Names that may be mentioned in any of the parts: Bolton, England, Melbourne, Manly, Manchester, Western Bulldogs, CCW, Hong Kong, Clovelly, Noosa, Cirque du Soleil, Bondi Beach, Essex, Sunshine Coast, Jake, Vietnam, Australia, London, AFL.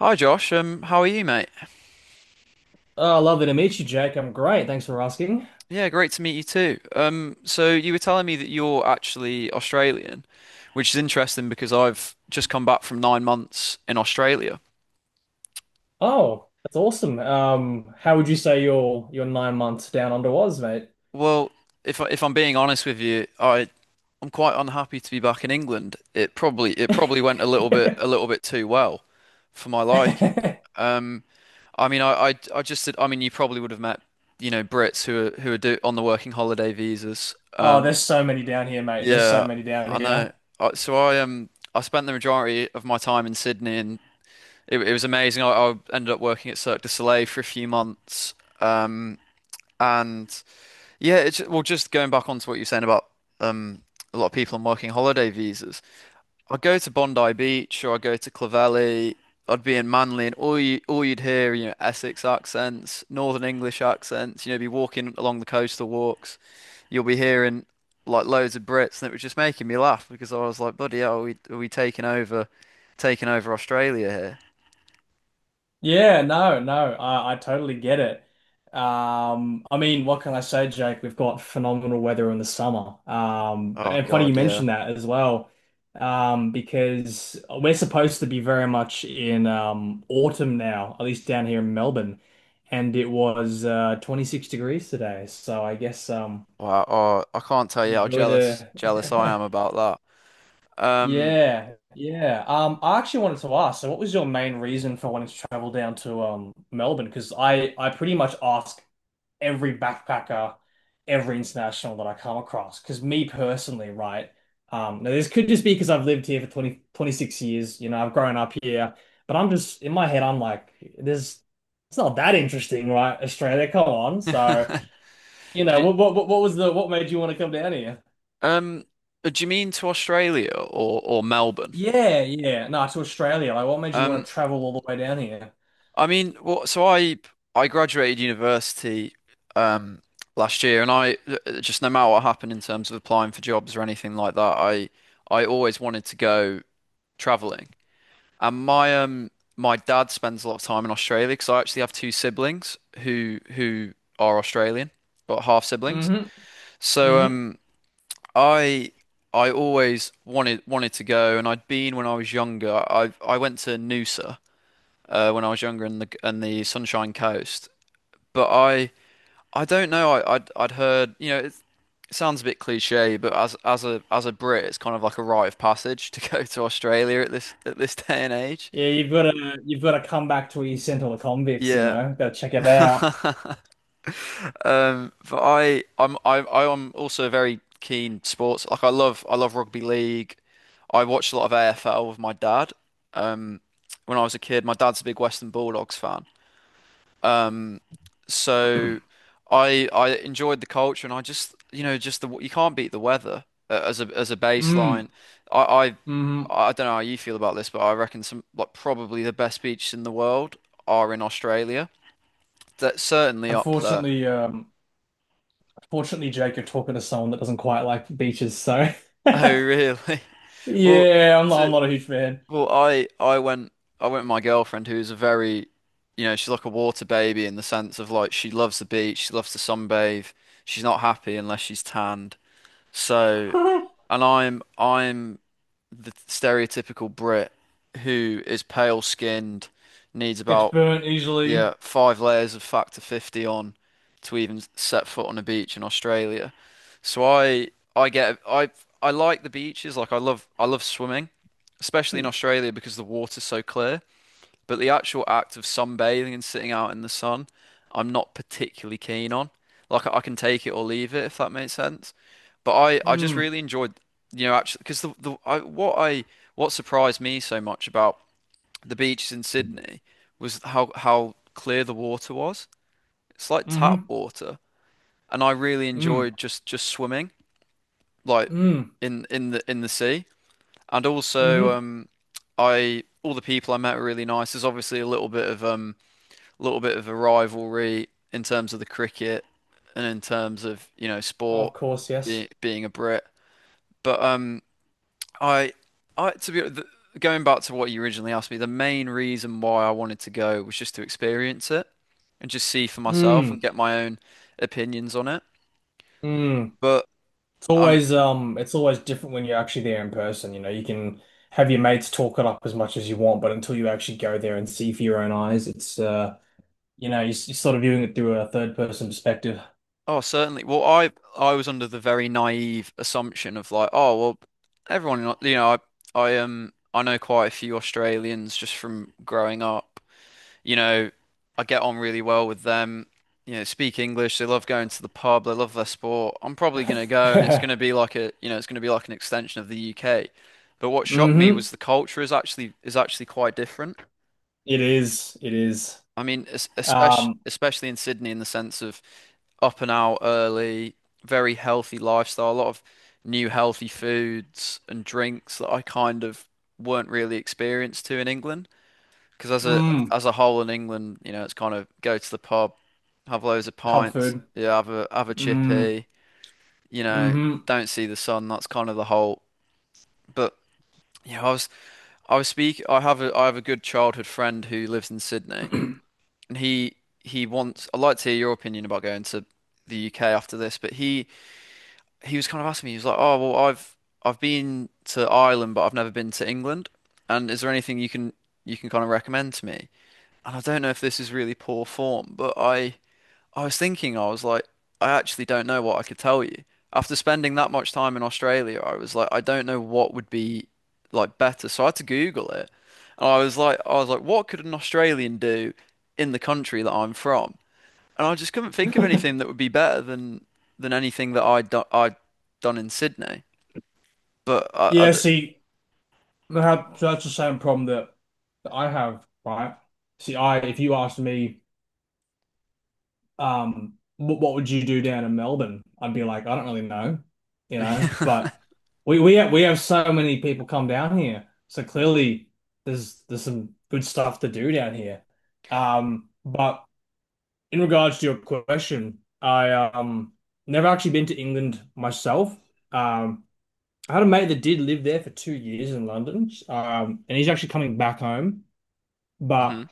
Hi Josh, how are you, mate? Oh, lovely to meet you, Jake. I'm great. Thanks for asking. Yeah, great to meet you too. So you were telling me that you're actually Australian, which is interesting because I've just come back from 9 months in Australia. Oh, that's awesome. How would you say your 9 months down under was, mate? Well, if I'm being honest with you, I'm quite unhappy to be back in England. It probably went a little bit a little bit too well for my liking. Um, I mean, I just did. I mean, you probably would have met you know Brits who are on the working holiday visas. Oh, Um, there's so many down here, mate. There's so Yeah, many down I here. know. So I spent the majority of my time in Sydney, and it was amazing. I ended up working at Cirque du Soleil for a few months. Um, and yeah, it's well, just going back onto what you're saying about um a lot of people on working holiday visas. I go to Bondi Beach or I go to Clovelly. I'd be in Manly, and all you'd hear, you know, Essex accents, Northern English accents. You know, be walking along the coastal walks you'll be hearing like loads of Brits, and it was just making me laugh because I was like, "Buddy, are we taking over, taking over Australia here?" Yeah, no, no, I totally get it. I mean, what can I say, Jake? We've got phenomenal weather in the summer. Um, Oh and funny you God, yeah. mentioned that as well, because we're supposed to be very much in autumn now, at least down here in Melbourne, and it was 26 degrees today. So I guess Wow. Oh, I can't tell you how enjoy jealous the jealous I am about that. Yeah, yeah. I actually wanted to ask, so what was your main reason for wanting to travel down to Melbourne? Because I pretty much ask every backpacker, every international that I come across. Because me personally, right? Now this could just be because I've lived here for 20 26 years. You know, I've grown up here, but I'm just in my head, I'm like, there's it's not that interesting, right? Australia, come on. do So, you know, you, what was the what made you want to come down. um, do you mean to Australia or Melbourne? Yeah, yeah. No, to Australia. Like, what made you Um, want to travel all the way down here? I mean, well, so I graduated university. Um, last year and I just no matter what happened in terms of applying for jobs or anything like that I always wanted to go traveling. And my dad spends a lot of time in Australia because I actually have two siblings who are Australian, but half siblings. Hmm. So Hmm. um I I always wanted to go, and I'd been when I was younger. I went to Noosa when I was younger and the Sunshine Coast, but I don't know. I'd heard you know. It sounds a bit cliche, but as a Brit, it's kind of like a rite of passage to go to Australia at this day and age. Yeah, you've got to come back to where you sent all the convicts, you Yeah. know. Go check it out. But I am also a very keen sports. Like I love rugby league. I watched a lot of AFL with my dad. Um, when I was a kid, my dad's a big Western Bulldogs fan. Um, so I enjoyed the culture, and I just, you know, just the you can't beat the weather as a baseline. Mm. I, I, Hmm. I don't know how you feel about this, but I reckon some like probably the best beaches in the world are in Australia. That's certainly up there. Unfortunately, um, unfortunately, Jake, you're talking to someone that doesn't quite like beaches, so Oh, really? Well, yeah, I'm not I'm to, not a huge fan. well, I went I went with my girlfriend who's a very, you know, she's like a water baby in the sense of like she loves the beach, she loves to sunbathe. She's not happy unless she's tanned. So, and I'm the stereotypical Brit who is pale skinned, needs Gets about burnt easily. yeah, five layers of factor 50 on to even set foot on a beach in Australia. So I get I like the beaches, like I love swimming, especially in Australia because the water's so clear, but the actual act of sunbathing and sitting out in the sun, I'm not particularly keen on. Like I can take it or leave it if that makes sense. But I just Mm. really enjoyed you know, actually because the I what surprised me so much about the beaches in Sydney was how clear the water was. It's like tap Mm-hmm. water, and I really Mm. enjoyed just swimming like Mm. in the sea. And also, Mm-hmm. I all the people I met were really nice. There's obviously a little bit of a little bit of a rivalry in terms of the cricket and in terms of you know Of sport course, being yes. being a Brit, but. I, I to be the, going back to what you originally asked me, the main reason why I wanted to go was just to experience it and just see for myself and Mm. get my own opinions on it. Mm. But I mean, always it's always different when you're actually there in person. You know, you can have your mates talk it up as much as you want, but until you actually go there and see for your own eyes, it's you're sort of viewing it through a third person perspective. oh, certainly. Well, I was under the very naive assumption of like, oh, well, you know, I know quite a few Australians just from growing up. You know, I get on really well with them. You know, speak English. They love going to the pub. They love their sport. I'm probably gonna go, and it's gonna be like a, you know, it's gonna be like an extension of the UK. But what shocked me Mm-hmm. was the culture is actually quite different. It is. It is. I mean, especially Um, especially in Sydney, in the sense of up and out early, very healthy lifestyle, a lot of new healthy foods and drinks that I kind of weren't really experienced to in England. Because mm, as a whole in England, you know, it's kind of go to the pub, have loads of pub pints, food. yeah, have a Mm, chippy, you know, mm-hmm. don't see the sun. That's kind of the whole. But yeah, I was speak. I have a good childhood friend who lives in Sydney, and he wants. I'd like to hear your opinion about going to the UK after this. But he was kind of asking me. He was like, "Oh, well, I've been to Ireland, but I've never been to England. And is there anything you can kind of recommend to me?" And I don't know if this is really poor form, but I was thinking, I was like, I actually don't know what I could tell you. After spending that much time in Australia, I was like, I don't know what would be like better. So I had to Google it. And I was like, what could an Australian do in the country that I'm from? And I just couldn't think of anything that would be better than anything that I'd done in Sydney. But I Yeah, d- see, that's the same problem that I have, right? See, I if you asked me, would you do down in Melbourne? I'd be like, I don't really know. But we have so many people come down here, so clearly there's some good stuff to do down here. But in regards to your question, I never actually been to England myself. Um, I had a mate that did live there for 2 years in London, and he's actually coming back home, but. Mhm.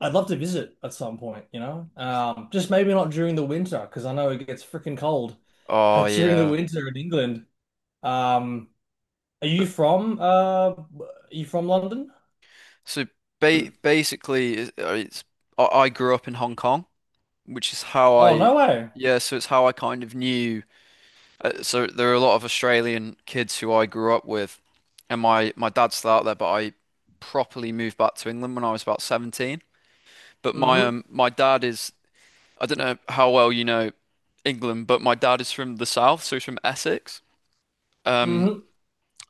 I'd love to visit at some point, you know? Just maybe not during the winter, because I know it gets freaking cold Oh during the yeah. winter in England. Um, are you from London? So ba basically, it's I grew up in Hong Kong, which is how Oh, no way. yeah. So it's how I kind of knew. So there are a lot of Australian kids who I grew up with, and my dad's still out there, but I properly moved back to England when I was about 17. But my Mm-hmm. um my dad is I don't know how well you know England, but my dad is from the south, so he's from Essex. Um, Mm-hmm.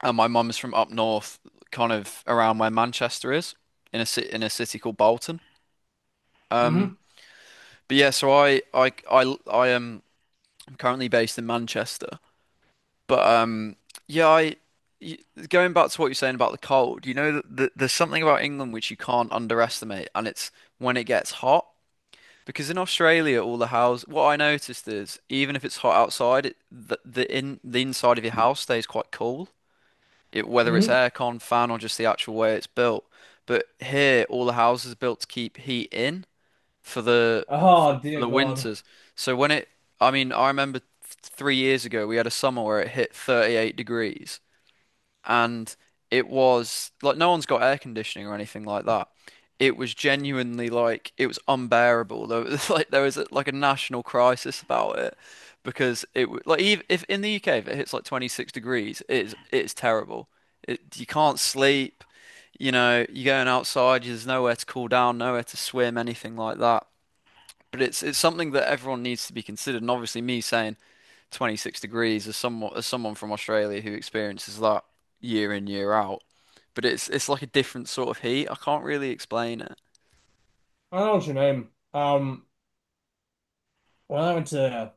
and my mum is from up north, kind of around where Manchester is, in a ci in a city called Bolton. Um. Mm-hmm. But yeah, so I'm currently based in Manchester, but yeah, I y- going back to what you're saying about the cold, you know, th th there's something about England which you can't underestimate, and it's when it gets hot. Because in Australia, all the house, what I noticed is even if it's hot outside, the in the inside of your house stays quite cool, whether it's Mm-hmm. aircon, fan, or just the actual way it's built. But here, all the houses are built to keep heat in for the Oh, for dear the God. winters. So when I mean, 3 years ago we had a summer where it hit 38 degrees and it was like no one's got air conditioning or anything like that. It was genuinely like it was unbearable. There was like there was like a national crisis about it because like even if in the UK if it hits like 26 degrees, it's terrible. You can't sleep. You know, you're going outside, there's nowhere to cool down, nowhere to swim, anything like that but it's something that everyone needs to be considered. And obviously, me saying 26 degrees as someone from Australia who experiences that year in year out, but it's like a different sort of heat. I can't really explain it. I don't know what you mean. Um, when I went to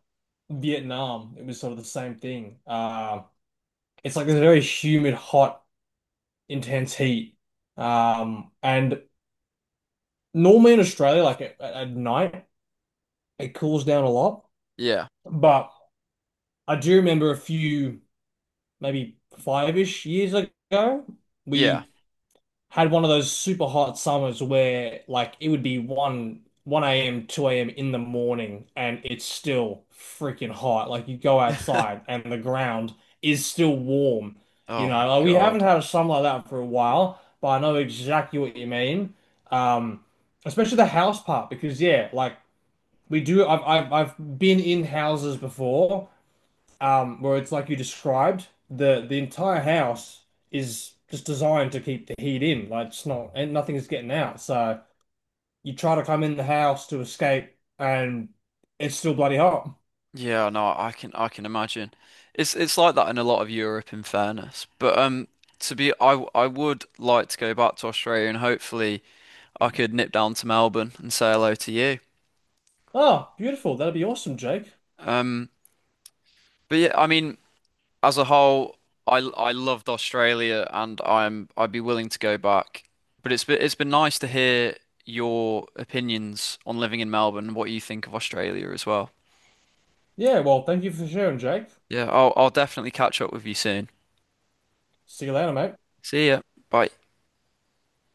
Vietnam, it was sort of the same thing. It's like this very humid, hot, intense heat. And normally in Australia, like at night, it cools down a lot. Yeah, But I do remember a few, maybe five-ish years ago, yeah. we had one of those super hot summers where like it would be 1 a.m., 2 a.m. in the morning, and it's still freaking hot. Like you go outside and the ground is still warm. You Oh know, like we haven't God. had a summer like that for a while, but I know exactly what you mean. Um, especially the house part, because yeah, like we do. I've been in houses before, where it's like you described. The entire house is just designed to keep the heat in. Like it's not, and nothing is getting out. So you try to come in the house to escape, and it's still bloody hot. Yeah, no, I can imagine. It's like that in a lot of Europe, in fairness. But to be, I w- I would like to go back to Australia and hopefully I could nip down to Melbourne and say hello to you. Oh, beautiful. That'd be awesome, Jake. Um, but yeah, I mean, as a whole, I loved Australia and I'd be willing to go back. But it's been nice to hear your opinions on living in Melbourne and what you think of Australia as well. Yeah. Well, thank you for sharing, Jake. Yeah, I'll definitely catch up with you soon. See you later, mate. See ya. Bye.